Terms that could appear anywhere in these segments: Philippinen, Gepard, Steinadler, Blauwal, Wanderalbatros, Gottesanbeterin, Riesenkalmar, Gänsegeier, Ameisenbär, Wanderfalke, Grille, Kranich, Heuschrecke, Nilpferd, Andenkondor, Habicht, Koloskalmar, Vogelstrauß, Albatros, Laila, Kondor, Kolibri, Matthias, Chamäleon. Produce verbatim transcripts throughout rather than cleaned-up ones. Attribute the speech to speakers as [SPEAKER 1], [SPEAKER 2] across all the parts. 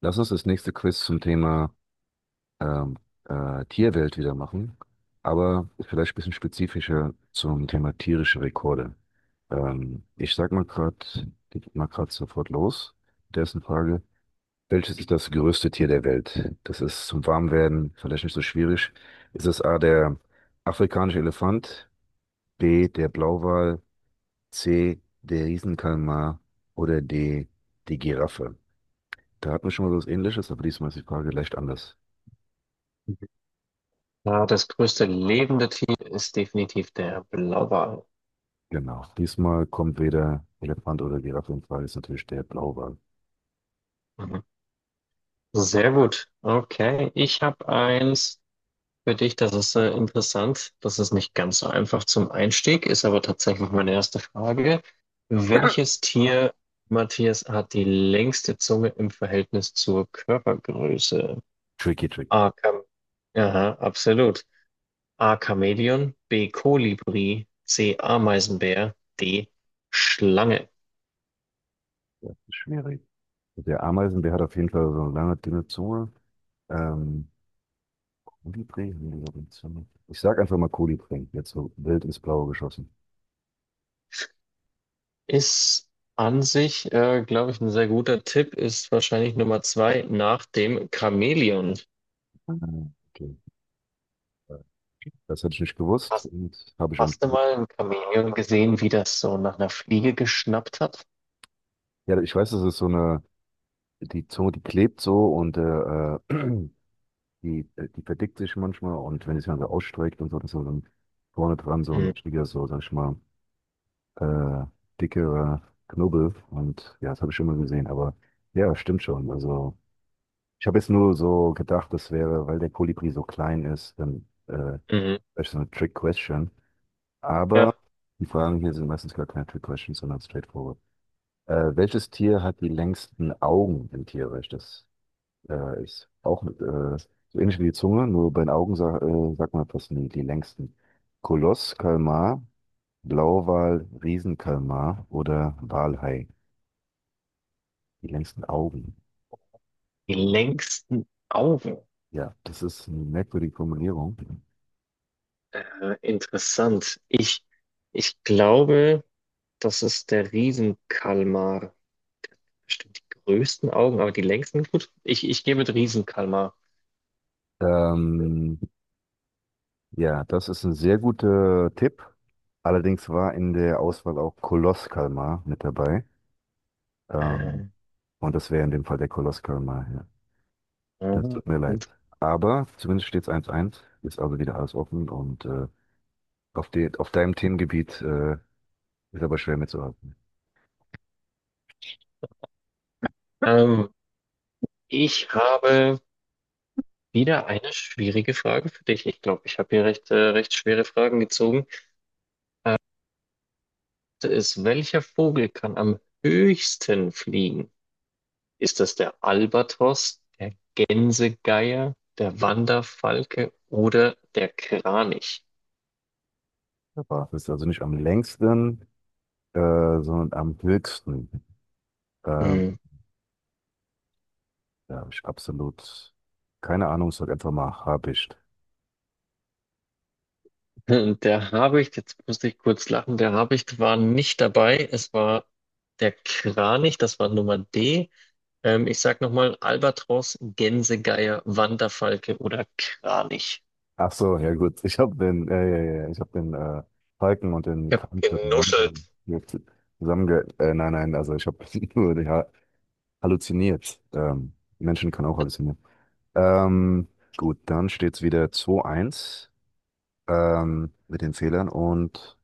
[SPEAKER 1] Lass uns das nächste Quiz zum Thema ähm, äh, Tierwelt wieder machen, aber vielleicht ein bisschen spezifischer zum Thema tierische Rekorde. Ähm, ich sag mal gerade, geht mal gerade sofort los. Der ist eine Frage. Welches ist das größte Tier der Welt? Das ist zum Warmwerden vielleicht nicht so schwierig. Ist es A, der afrikanische Elefant, B, der Blauwal, C, der Riesenkalmar oder D, die Giraffe? Da hatten wir schon mal was Ähnliches, aber diesmal ist die Frage leicht anders.
[SPEAKER 2] Ja, das größte lebende Tier ist definitiv der Blauwal.
[SPEAKER 1] Genau. Diesmal kommt weder Elefant oder Giraffe in Frage, ist natürlich der Blauwal.
[SPEAKER 2] Mhm. Sehr gut. Okay, ich habe eins für dich, das ist äh, interessant. Das ist nicht ganz so einfach zum Einstieg, ist aber tatsächlich meine erste Frage. Welches Tier, Matthias, hat die längste Zunge im Verhältnis zur Körpergröße?
[SPEAKER 1] Tricky, tricky.
[SPEAKER 2] A. Kam Aha, absolut. A. Chamäleon, B. Kolibri, C. Ameisenbär, D. Schlange.
[SPEAKER 1] Ja, schwierig. Der Ameisenbär hat auf jeden Fall so eine lange, dünne Zunge. Ähm, Kolibri? Nee, die hat eine Zunge. Ich sag einfach mal Kolibri. Jetzt so wild ins Blaue geschossen.
[SPEAKER 2] Ist an sich, äh, glaube ich, ein sehr guter Tipp, ist wahrscheinlich Nummer zwei nach dem Chamäleon.
[SPEAKER 1] Ah, okay. Das hätte ich nicht gewusst
[SPEAKER 2] Hast,
[SPEAKER 1] und habe ich auch
[SPEAKER 2] hast
[SPEAKER 1] nicht
[SPEAKER 2] du
[SPEAKER 1] gewusst.
[SPEAKER 2] mal ein Chamäleon gesehen, wie das so nach einer Fliege geschnappt hat?
[SPEAKER 1] Ja, ich weiß, das ist so eine, die Zunge, die klebt so und äh, äh, die, äh, die verdickt sich manchmal und wenn es dann so ausstreckt und so, dann ist so ein, vorne dran so ein
[SPEAKER 2] Mhm.
[SPEAKER 1] richtiger, so, sag ich mal, äh, dickere Knubbel. Und ja, das habe ich schon mal gesehen. Aber ja, stimmt schon. Also ich habe jetzt nur so gedacht, das wäre, weil der Kolibri so klein ist, dann äh, wäre
[SPEAKER 2] Mhm.
[SPEAKER 1] das ist so eine Trick-Question. Aber
[SPEAKER 2] Ja,
[SPEAKER 1] die Fragen hier sind meistens gar keine Trick-Questions, sondern straightforward. Äh, welches Tier hat die längsten Augen im Tierreich? Das äh, ist auch äh, so ähnlich wie die Zunge, nur bei den Augen sa äh, sagt man fast nie die längsten. Koloss, Kalmar, Blauwal, Riesenkalmar oder Walhai? Die längsten Augen.
[SPEAKER 2] die längsten Augen.
[SPEAKER 1] Ja, das ist eine merkwürdige Formulierung.
[SPEAKER 2] Äh, interessant. Ich, ich glaube, das ist der Riesenkalmar. Bestimmt die größten Augen, aber die längsten, gut. Ich, ich gehe mit Riesenkalmar.
[SPEAKER 1] Ähm, ja, das ist ein sehr guter Tipp. Allerdings war in der Auswahl auch Koloskalmar mit dabei. Ähm,
[SPEAKER 2] Äh,
[SPEAKER 1] und das wäre in dem Fall der Koloskalmar. Ja.
[SPEAKER 2] äh,
[SPEAKER 1] Das tut mir leid. Aber zumindest steht es eins eins. Ist also wieder alles offen. Und äh, auf, de auf deinem Themengebiet äh, ist aber schwer mitzuhalten.
[SPEAKER 2] ähm, ich habe. Wieder eine schwierige Frage für dich. Ich glaube, ich habe hier recht, äh, recht schwere Fragen gezogen. Ist, welcher Vogel kann am höchsten fliegen? Ist das der Albatros, der Gänsegeier, der Wanderfalke oder der Kranich?
[SPEAKER 1] Das ist also nicht am längsten, äh, sondern am höchsten. Ähm,
[SPEAKER 2] Hm.
[SPEAKER 1] Da habe ich absolut keine Ahnung, sag einfach mal, hab ich.
[SPEAKER 2] Der Habicht, jetzt musste ich kurz lachen, der Habicht war nicht dabei. Es war der Kranich, das war Nummer D. Ähm, ich sag nochmal, Albatros, Gänsegeier, Wanderfalke oder Kranich.
[SPEAKER 1] Ach so, ja gut, ich habe den, ja, ja, ja, ja, ich habe den äh, Falken und den
[SPEAKER 2] Ich habe
[SPEAKER 1] Kampfstadt Lambo
[SPEAKER 2] genuschelt.
[SPEAKER 1] zusammenge... Äh, nein, nein, also ich habe nur die ha halluziniert. Ähm, Menschen können auch halluzinieren. Ähm, gut, dann steht es wieder zwei eins, ähm, mit den Fehlern, und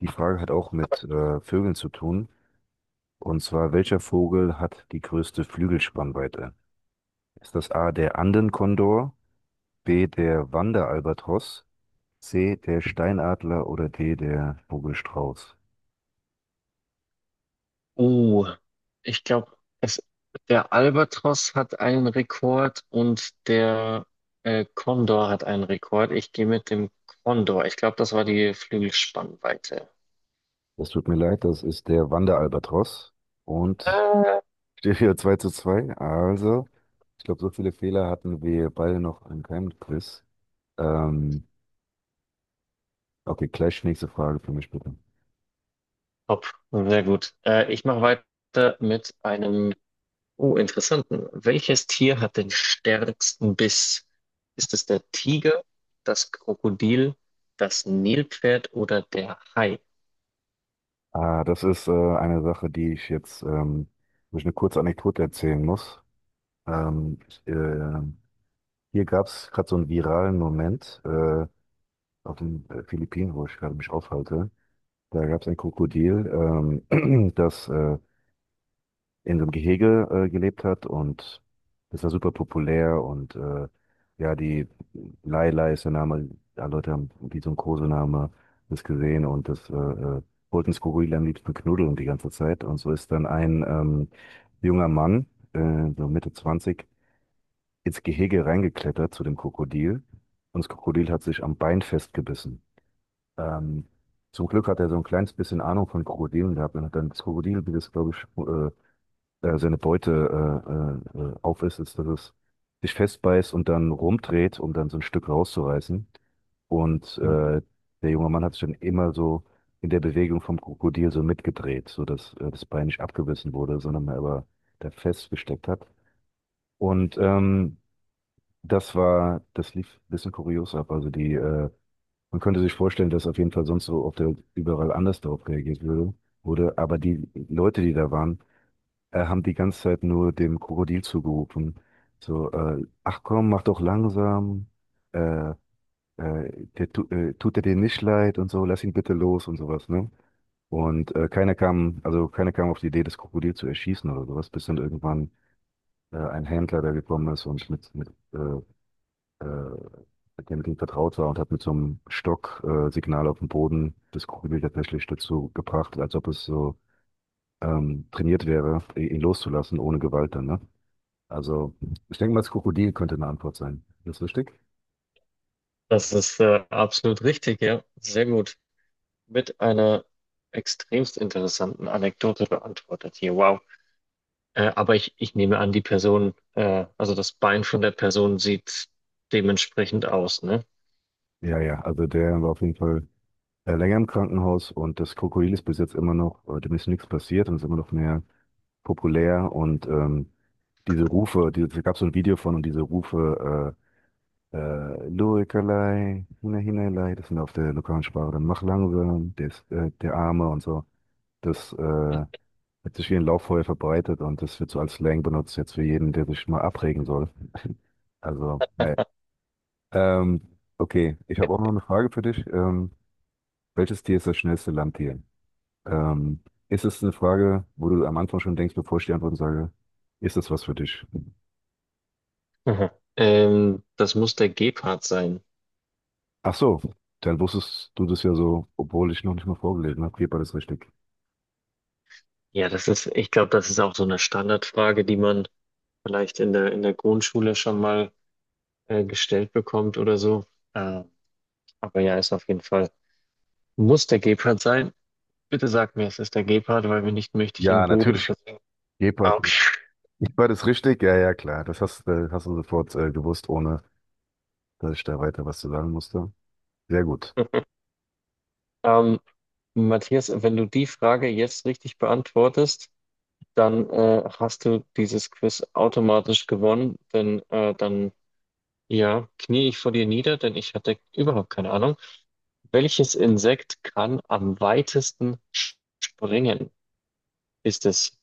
[SPEAKER 1] die Frage hat auch mit äh, Vögeln zu tun. Und zwar, welcher Vogel hat die größte Flügelspannweite? Ist das A, der Andenkondor? B, der Wanderalbatros, C, der Steinadler oder D, der Vogelstrauß.
[SPEAKER 2] Oh, ich glaube, es der Albatros hat einen Rekord und der äh, Kondor hat einen Rekord. Ich gehe mit dem Kondor. Ich glaube, das war die Flügelspannweite.
[SPEAKER 1] Das tut mir leid, das ist der Wanderalbatros und
[SPEAKER 2] Äh,
[SPEAKER 1] steht hier zwei zu zwei. Also, ich glaube, so viele Fehler hatten wir beide noch in keinem Quiz. Ähm, okay, gleich nächste Frage für mich bitte.
[SPEAKER 2] Top, sehr gut. Äh, ich mache weiter mit einem, oh, interessanten. Welches Tier hat den stärksten Biss? Ist es der Tiger, das Krokodil, das Nilpferd oder der Hai?
[SPEAKER 1] Ah, das ist äh, eine Sache, die ich jetzt, ähm, wo ich eine kurze Anekdote erzählen muss. Ähm, ich, äh, hier gab es gerade so einen viralen Moment äh, auf den äh, Philippinen, wo ich gerade mich aufhalte. Da gab es ein Krokodil, ähm, das äh, in so einem Gehege äh, gelebt hat, und das war super populär und äh, ja, die Laila ist der Name, ja, Leute haben wie so ein Kosename das gesehen und das äh, äh, wollten das Krokodil am liebsten knuddeln die ganze Zeit, und so ist dann ein ähm, junger Mann, äh, so Mitte zwanzig, ins Gehege reingeklettert zu dem Krokodil, und das Krokodil hat sich am Bein festgebissen. Ähm, Zum Glück hat er so ein kleines bisschen Ahnung von Krokodilen gehabt und hat dann das Krokodil, wie das, glaube ich, äh, äh, seine Beute äh, äh, äh, aufisst, ist, dass es sich festbeißt und dann rumdreht, um dann so ein Stück rauszureißen. Und äh, der junge Mann hat sich dann immer so in der Bewegung vom Krokodil so mitgedreht, sodass äh, das Bein nicht abgebissen wurde, sondern man aber da festgesteckt hat. Und ähm, das war, das lief ein bisschen kurios ab. Also die äh, man könnte sich vorstellen, dass auf jeden Fall sonst so auf der Welt überall anders darauf reagiert würde, wurde. Aber die Leute, die da waren, äh, haben die ganze Zeit nur dem Krokodil zugerufen. So, äh, ach komm, mach doch langsam. Äh, äh, der, tu- äh, tut er dir nicht leid und so, lass ihn bitte los und sowas, ne? Und äh, keiner kam, also keiner kam auf die Idee, das Krokodil zu erschießen oder sowas, bis dann irgendwann äh, ein Händler da gekommen ist und mit, mit äh, äh, mit dem Ding vertraut war und hat mit so einem Stock äh, Signal auf dem Boden das Krokodil tatsächlich dazu gebracht, als ob es so ähm, trainiert wäre, i- ihn loszulassen ohne Gewalt dann, ne? Also ich denke mal, das Krokodil könnte eine Antwort sein. Ist das richtig?
[SPEAKER 2] Das ist äh, absolut richtig, ja. Sehr gut. Mit einer extremst interessanten Anekdote beantwortet hier. Wow. Äh, aber ich, ich nehme an, die Person, äh, also das Bein von der Person sieht dementsprechend aus, ne?
[SPEAKER 1] Ja, ja, also der war auf jeden Fall äh, länger im Krankenhaus, und das Krokodil ist bis jetzt immer noch, äh, dem ist nichts passiert, und ist immer noch mehr populär und ähm, diese Rufe, die, da gab so ein Video von, und diese Rufe, Äh, Luikerlei, Hine Hinelei, das sind auf der lokalen Sprache dann Machlangwürm, der, ist, äh, der Arme und so. Das äh, hat sich wie ein Lauffeuer verbreitet, und das wird so als Slang benutzt jetzt für jeden, der sich mal abregen soll. Also, naja. Ähm, okay, ich habe auch noch eine Frage für dich. Ähm, welches Tier ist das schnellste Landtier? Ähm, Ist es eine Frage, wo du am Anfang schon denkst, bevor ich die Antworten sage, ist das was für dich?
[SPEAKER 2] Mhm. Ähm, das muss der Gepard sein.
[SPEAKER 1] Ach so, dann wusstest du das ja so, obwohl ich noch nicht mal vorgelesen habe. Hier war das richtig.
[SPEAKER 2] Ja, das ist, ich glaube, das ist auch so eine Standardfrage, die man vielleicht in der, in der Grundschule schon mal äh, gestellt bekommt oder so. Äh, aber ja, ist auf jeden Fall, muss der Gepard sein. Bitte sag mir, es ist der Gepard, weil wenn nicht, möchte ich im
[SPEAKER 1] Ja,
[SPEAKER 2] Boden
[SPEAKER 1] natürlich.
[SPEAKER 2] versinken. Ah,
[SPEAKER 1] Gepard.
[SPEAKER 2] okay.
[SPEAKER 1] Ich war das richtig? Ja, ja, klar. Das hast, äh, hast du sofort äh, gewusst, ohne dass ich da weiter was zu sagen musste. Sehr gut.
[SPEAKER 2] Ähm, Matthias, wenn du die Frage jetzt richtig beantwortest, dann äh, hast du dieses Quiz automatisch gewonnen, denn äh, dann ja, knie ich vor dir nieder, denn ich hatte überhaupt keine Ahnung. Welches Insekt kann am weitesten sch- springen? Ist es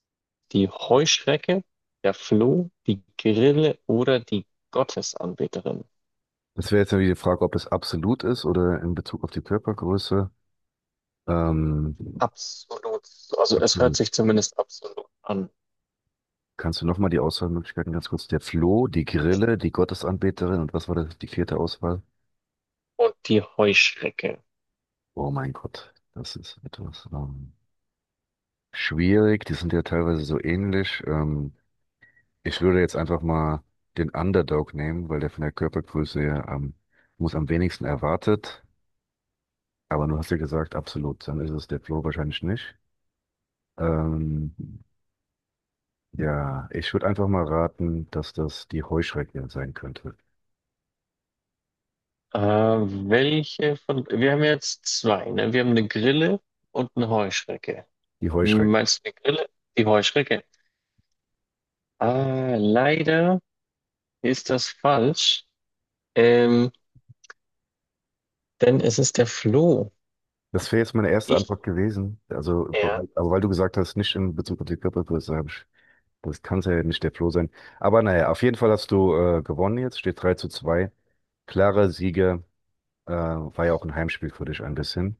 [SPEAKER 2] die Heuschrecke, der Floh, die Grille oder die Gottesanbeterin?
[SPEAKER 1] Das wäre jetzt irgendwie die Frage, ob es absolut ist oder in Bezug auf die Körpergröße. Ähm,
[SPEAKER 2] Absolut. Also es hört
[SPEAKER 1] absolut.
[SPEAKER 2] sich zumindest absolut an.
[SPEAKER 1] Kannst du nochmal die Auswahlmöglichkeiten ganz kurz? Der Floh, die Grille, die Gottesanbeterin und was war das, die vierte Auswahl?
[SPEAKER 2] Und die Heuschrecke.
[SPEAKER 1] Oh mein Gott, das ist etwas ähm, schwierig. Die sind ja teilweise so ähnlich. Ähm, Ich würde jetzt einfach mal den Underdog nehmen, weil der von der Körpergröße her am, muss am wenigsten erwartet. Aber du hast ja gesagt, absolut, dann ist es der Flo wahrscheinlich nicht. Ähm, ja, ich würde einfach mal raten, dass das die Heuschrecke sein könnte.
[SPEAKER 2] Äh, welche von... Wir haben jetzt zwei, ne? Wir haben eine Grille und eine Heuschrecke.
[SPEAKER 1] Die Heuschrecke.
[SPEAKER 2] Meinst du die Grille? Die Heuschrecke. Ah, leider ist das falsch. Ähm, denn es ist der Floh.
[SPEAKER 1] Das wäre jetzt meine erste
[SPEAKER 2] Ich
[SPEAKER 1] Antwort gewesen. Also,
[SPEAKER 2] ja
[SPEAKER 1] aber weil du gesagt hast, nicht in Bezug auf die Körpergröße, habe ich, das kann es ja nicht der Flo sein. Aber naja, auf jeden Fall hast du äh, gewonnen jetzt, steht drei zu zwei. Klarer Sieger. Äh, war ja auch ein Heimspiel für dich ein bisschen.